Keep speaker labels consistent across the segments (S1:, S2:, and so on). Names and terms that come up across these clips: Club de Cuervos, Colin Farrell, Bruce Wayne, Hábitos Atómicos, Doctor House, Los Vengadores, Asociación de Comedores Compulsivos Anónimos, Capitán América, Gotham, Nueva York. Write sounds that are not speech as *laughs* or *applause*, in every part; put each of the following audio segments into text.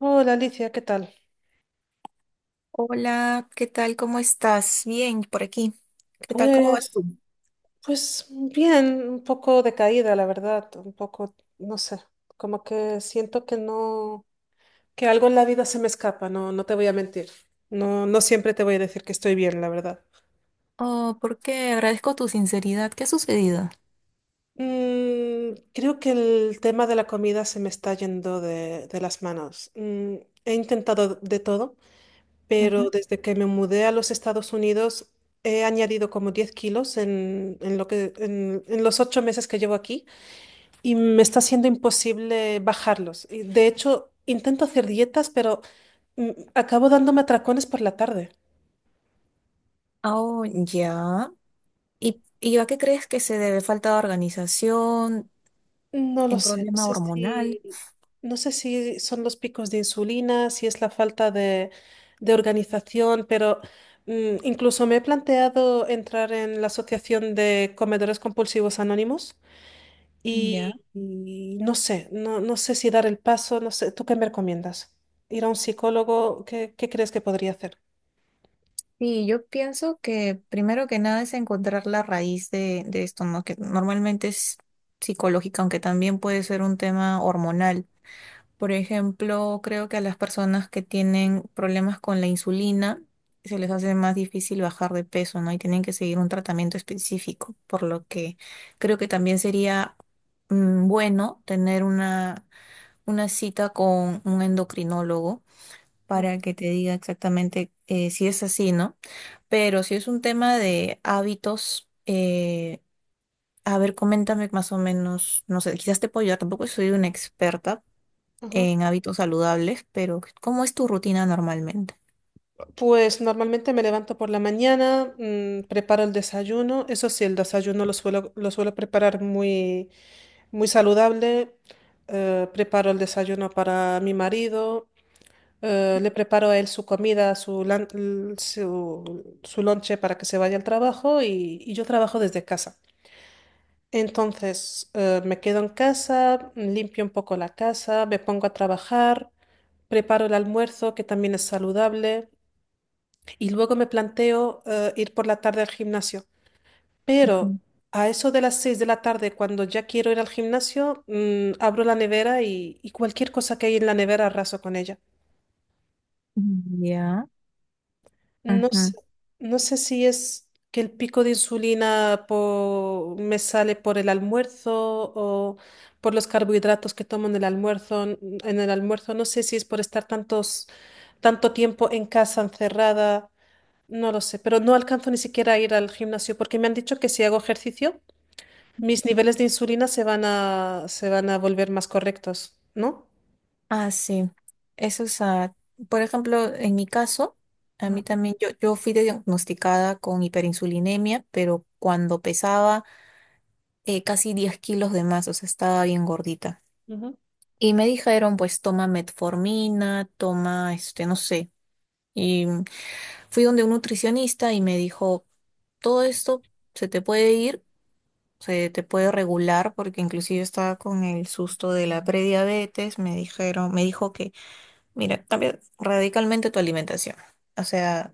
S1: Hola Alicia, ¿qué tal?
S2: Hola, ¿qué tal? ¿Cómo estás? Bien, por aquí. ¿Qué tal? ¿Cómo vas
S1: Pues,
S2: tú?
S1: pues bien, un poco decaída, la verdad, un poco, no sé, como que siento que no, que algo en la vida se me escapa, no, no te voy a mentir. No, no siempre te voy a decir que estoy bien, la verdad.
S2: Oh, ¿por qué? Agradezco tu sinceridad. ¿Qué ha sucedido?
S1: Creo que el tema de la comida se me está yendo de las manos. He intentado de todo, pero
S2: Ujú.
S1: desde que me mudé a los Estados Unidos he añadido como 10 kilos en los 8 meses que llevo aquí. Y me está siendo imposible bajarlos. Y de hecho, intento hacer dietas, pero acabo dándome atracones por la tarde.
S2: Oh, ya. ¿Y a qué crees que se debe? ¿Falta de organización?
S1: No lo
S2: ¿Un
S1: sé,
S2: problema hormonal?
S1: no sé si son los picos de insulina, si es la falta de organización, pero incluso me he planteado entrar en la Asociación de Comedores Compulsivos Anónimos
S2: Ya.
S1: y, y no sé si dar el paso, no sé, ¿tú qué me recomiendas? ¿Ir a un psicólogo? ¿Qué crees que podría hacer?
S2: Sí, yo pienso que primero que nada es encontrar la raíz de esto, ¿no? Que normalmente es psicológica, aunque también puede ser un tema hormonal. Por ejemplo, creo que a las personas que tienen problemas con la insulina se les hace más difícil bajar de peso, ¿no? Y tienen que seguir un tratamiento específico, por lo que creo que también sería bueno tener una cita con un endocrinólogo para que te diga exactamente si es así, ¿no? Pero si es un tema de hábitos, a ver, coméntame más o menos, no sé, quizás te puedo ayudar, tampoco soy una experta
S1: Ajá.
S2: en hábitos saludables, pero ¿cómo es tu rutina normalmente?
S1: Pues normalmente me levanto por la mañana, preparo el desayuno. Eso sí, el desayuno lo suelo preparar muy, muy saludable. Preparo el desayuno para mi marido. Le preparo a él su comida, su, lan- l- su lonche para que se vaya al trabajo y yo trabajo desde casa. Entonces, me quedo en casa, limpio un poco la casa, me pongo a trabajar, preparo el almuerzo, que también es saludable. Y luego me planteo ir por la tarde al gimnasio. Pero
S2: Ujú.
S1: a eso de las 6 de la tarde, cuando ya quiero ir al gimnasio, abro la nevera y cualquier cosa que hay en la nevera arraso con ella.
S2: Ya.
S1: No
S2: Ujú.
S1: sé, no sé si es que el pico de insulina po- me sale por el almuerzo o por los carbohidratos que tomo en el almuerzo. En el almuerzo no sé si es por estar tantos, tanto tiempo en casa encerrada. No lo sé, pero no alcanzo ni siquiera a ir al gimnasio porque me han dicho que si hago ejercicio, mis niveles de insulina se van a volver más correctos, ¿no?
S2: Ah, sí. Eso es, ah, por ejemplo, en mi caso, a mí
S1: Ujú.
S2: también, yo fui diagnosticada con hiperinsulinemia, pero cuando pesaba casi 10 kilos de más, o sea, estaba bien gordita.
S1: Ujú.
S2: Y me dijeron, pues, toma metformina, toma, este, no sé. Y fui donde un nutricionista y me dijo, todo esto se te puede ir se te puede regular porque inclusive estaba con el susto de la prediabetes, me dijeron, me dijo que, mira, cambia radicalmente tu alimentación. O sea,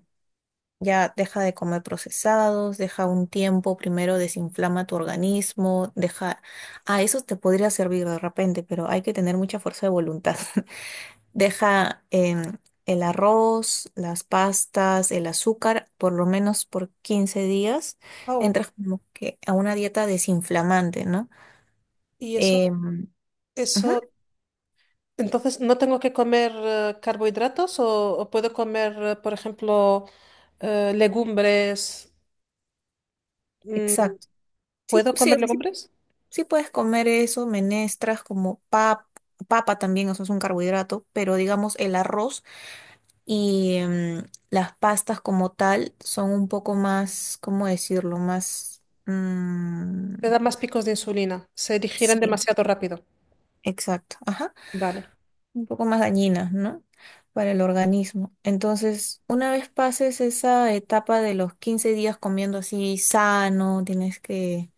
S2: ya deja de comer procesados, deja un tiempo, primero desinflama tu organismo, deja, ah, eso te podría servir de repente, pero hay que tener mucha fuerza de voluntad. *laughs* Deja el arroz, las pastas, el azúcar, por lo menos por 15 días
S1: Au.
S2: entras como que a una dieta desinflamante, ¿no?
S1: Y eso,
S2: Em, ujú,
S1: eso, entonces, ¿no tengo que comer carbohidratos o puedo comer, por ejemplo, legumbres? Mm,
S2: exacto. Sí,
S1: ¿Puedo
S2: sí,
S1: comer
S2: sí,
S1: legumbres?
S2: sí puedes comer eso, menestras como pap- papa también, eso es un carbohidrato, pero digamos el arroz y las pastas como tal son un poco más, ¿cómo decirlo? Más...
S1: Te da más picos de insulina, se digieren
S2: sí,
S1: demasiado rápido.
S2: exacto. Ajá.
S1: Vale.
S2: Un poco más dañinas, ¿no? Para el organismo. Entonces, una vez pases esa etapa de los 15 días comiendo así sano, tienes que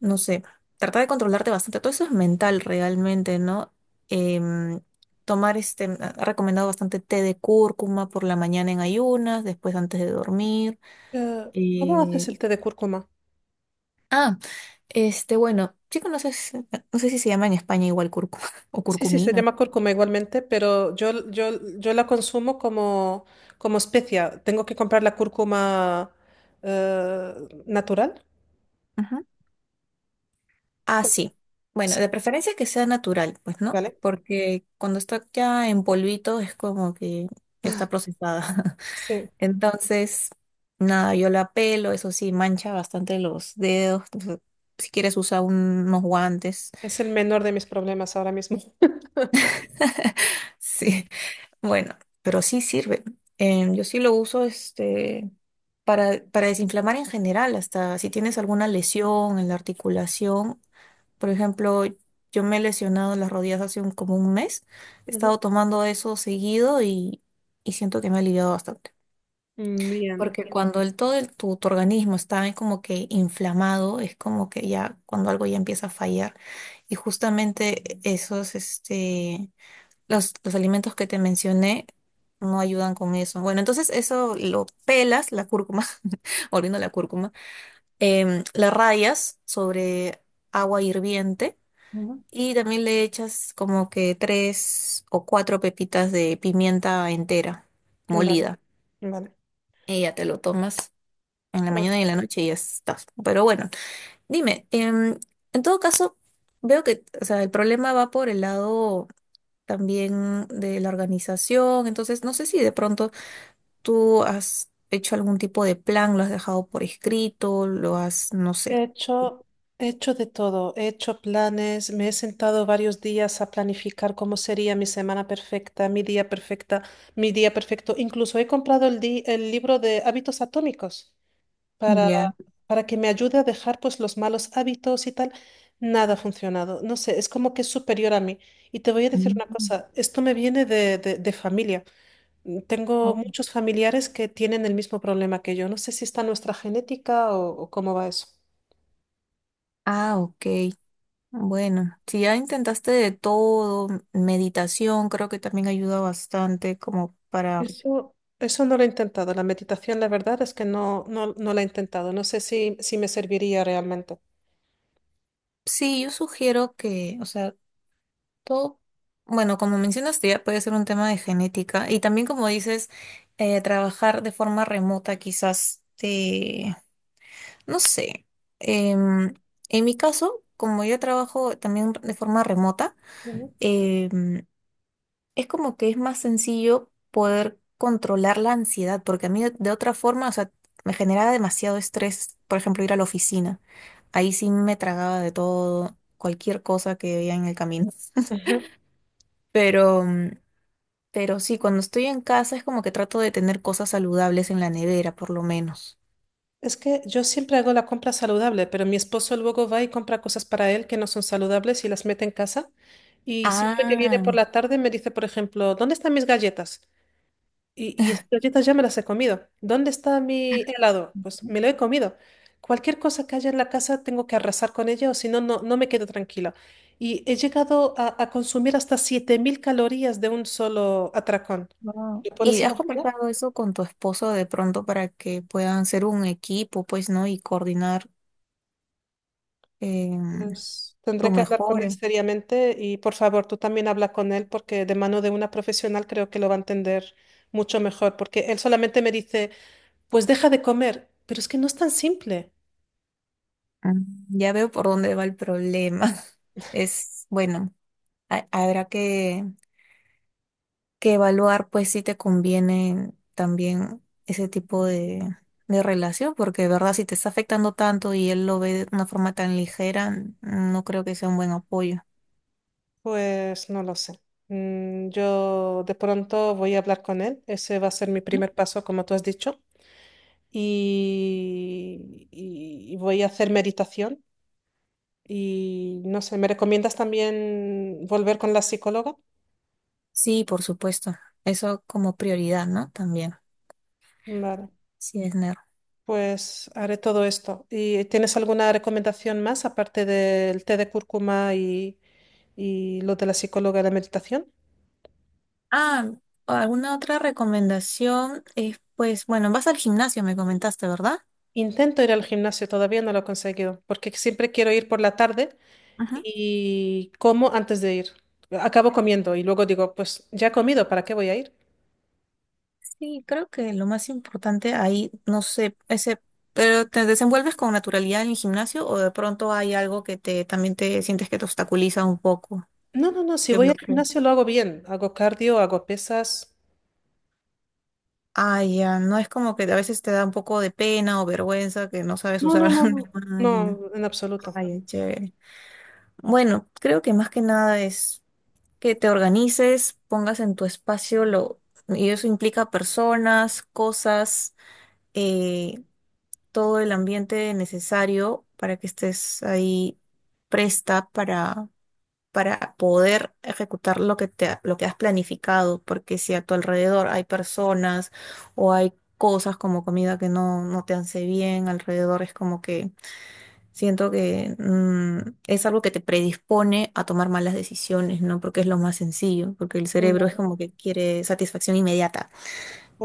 S2: no sé, tratar de controlarte bastante. Todo eso es mental realmente, ¿no? Em, Tomar este, ha recomendado bastante té de cúrcuma por la mañana en ayunas, después antes de dormir.
S1: ¿Cómo
S2: Eh,
S1: haces el té de cúrcuma?
S2: ah, este, bueno, chico, no sé, si- no sé si se llama en España igual cúrcuma *laughs* o
S1: Sí, sí, se
S2: curcumina.
S1: llama cúrcuma igualmente, pero yo la consumo como, como especia. Tengo que comprar la cúrcuma eh, natural.
S2: Ujú. Ah, sí. Bueno,
S1: Sí,
S2: de preferencia que sea natural, pues, ¿no?
S1: ¿vale?
S2: Porque cuando está ya en polvito es como que ya está procesada.
S1: Sí,
S2: Entonces, nada, yo la pelo, eso sí, mancha bastante los dedos. Entonces, si quieres, usa un- unos guantes.
S1: es el menor de mis problemas ahora mismo. *laughs*
S2: *laughs* Sí, bueno, pero sí sirve. Yo sí lo uso este, para desinflamar en general, hasta si tienes alguna lesión en la articulación. Por ejemplo, yo me he lesionado las rodillas hace un- como un mes. He
S1: Ujú.
S2: estado tomando eso seguido y siento que me ha aliviado bastante.
S1: Bien.
S2: Porque cuando el, todo el- tu organismo está como que inflamado, es como que ya cuando algo ya empieza a fallar. Y justamente esos, este, los alimentos que te mencioné no ayudan con eso. Bueno, entonces eso lo pelas, la cúrcuma, *laughs* volviendo a la cúrcuma, la rayas sobre agua hirviente
S1: Ujú.
S2: y también le echas como que tres o cuatro pepitas de pimienta entera,
S1: Vale,
S2: molida.
S1: vale.
S2: Y ya te lo tomas en la
S1: Ok.
S2: mañana y en la noche y ya estás. Pero bueno, dime, en todo caso, veo que, o sea, el problema va por el lado también de la organización, entonces no sé si de pronto tú has hecho algún tipo de plan, lo has dejado por escrito, lo has, no sé,
S1: He hecho, he hecho de todo. He hecho planes, me he sentado varios días a planificar cómo sería mi semana perfecta, mi día perfecto. Incluso he comprado el libro de hábitos atómicos. para,
S2: ya.
S1: para que me ayude a dejar pues los malos hábitos y tal, nada ha funcionado. No sé, es como que es superior a mí. Y te voy a decir una
S2: Mm.
S1: cosa, esto me viene de familia. Tengo
S2: Oh.
S1: muchos familiares que tienen el mismo problema que yo. No sé si está en nuestra genética o cómo va eso.
S2: Ah, ok. Bueno, si ya intentaste de todo, meditación creo que también ayuda bastante como para...
S1: Eso no lo he intentado. La meditación, la verdad es que no, no, no la he intentado. No sé si, si me serviría realmente.
S2: Sí, yo sugiero que, o sea, todo, bueno, como mencionaste, ya puede ser un tema de genética y también como dices, trabajar de forma remota quizás te, no sé, em, en mi caso, como yo trabajo también de forma remota,
S1: Ujú.
S2: em, es como que es más sencillo poder controlar la ansiedad, porque a mí de otra forma, o sea, me generaba demasiado estrés, por ejemplo, ir a la oficina. Ahí sí me tragaba de todo, cualquier cosa que veía en el camino.
S1: Ujú.
S2: *laughs* Pero... pero sí, cuando estoy en casa es como que trato de tener cosas saludables en la nevera, por lo menos.
S1: Es que yo siempre hago la compra saludable, pero mi esposo luego va y compra cosas para él que no son saludables y las mete en casa. Y siempre que viene
S2: Ah,
S1: por la tarde me dice, por ejemplo, ¿dónde están mis galletas? Y esas galletas ya me las he comido. ¿Dónde está mi helado? Pues me lo he comido. Cualquier cosa que haya en la casa tengo que arrasar con ella o si no, no no me quedo tranquila. Y he llegado a consumir hasta 7000 calorías de un solo atracón.
S2: wow.
S1: ¿Lo puedes
S2: ¿Y has
S1: imaginar?
S2: conversado eso con tu esposo de pronto para que puedan ser un equipo, pues, ¿no? Y coordinar em,
S1: Pues,
S2: tu
S1: tendré que hablar con él
S2: mejora.
S1: seriamente y por favor tú también habla con él porque de mano de una profesional creo que lo va a entender mucho mejor porque él solamente me dice, pues deja de comer, pero es que no es tan simple.
S2: Mm, ya veo por dónde va el problema. *laughs* Es, bueno, ha- habrá que evaluar pues si te conviene también ese tipo de relación, porque de verdad si te está afectando tanto y él lo ve de una forma tan ligera, no creo que sea un buen apoyo.
S1: Pues no lo sé. Yo de pronto voy a hablar con él, ese va a ser mi
S2: ¿No?
S1: primer paso como tú has dicho y, y voy a hacer meditación y no sé, ¿me recomiendas también volver con la psicóloga?
S2: Sí, por supuesto. Eso como prioridad, ¿no? También,
S1: Vale.
S2: sí, es nerd.
S1: Pues haré todo esto. ¿Y tienes alguna recomendación más aparte del té de cúrcuma y lo de la psicóloga y la meditación?
S2: Ah, ¿alguna otra recomendación? Es pues, bueno, vas al gimnasio, me comentaste, ¿verdad?
S1: Intento ir al gimnasio, todavía no lo he conseguido, porque siempre quiero ir por la tarde
S2: Ujú.
S1: y como antes de ir. Acabo comiendo y luego digo, pues ya he comido, ¿para qué voy a ir?
S2: Sí, creo que lo más importante ahí, no sé, ese, pero ¿te desenvuelves con naturalidad en el gimnasio o de pronto hay algo que te también te sientes que te obstaculiza un poco,
S1: No, no, no, si
S2: te
S1: voy al
S2: bloquea?
S1: gimnasio lo hago bien, hago cardio, hago pesas.
S2: Ah, ya, no es como que a veces te da un poco de pena o vergüenza que no sabes
S1: No, no,
S2: usar *laughs*
S1: no, no,
S2: la máquina.
S1: no, en absoluto.
S2: Ay, ay, chévere. Bueno, creo que más que nada es que te organices, pongas en tu espacio lo, y eso implica personas, cosas. eh, Todo el ambiente necesario para que estés ahí presta para poder ejecutar lo que te, lo que has planificado, porque si a tu alrededor hay personas o hay cosas como comida que no, no te hace bien, alrededor es como que siento que es algo que te predispone a tomar malas decisiones, ¿no? Porque es lo más sencillo, porque el cerebro es
S1: Mm.
S2: como que quiere satisfacción inmediata.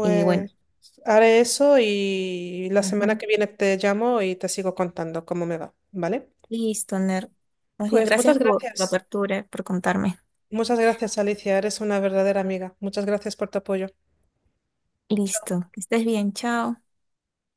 S2: Y bueno.
S1: haré eso y la semana que viene te llamo y te sigo contando cómo me va, ¿vale?
S2: Listo, Ner. Más bien,
S1: Pues muchas
S2: gracias por la
S1: gracias.
S2: apertura, por contarme.
S1: Muchas gracias, Alicia. Eres una verdadera amiga. Muchas gracias por tu apoyo.
S2: Listo, que estés bien, chao.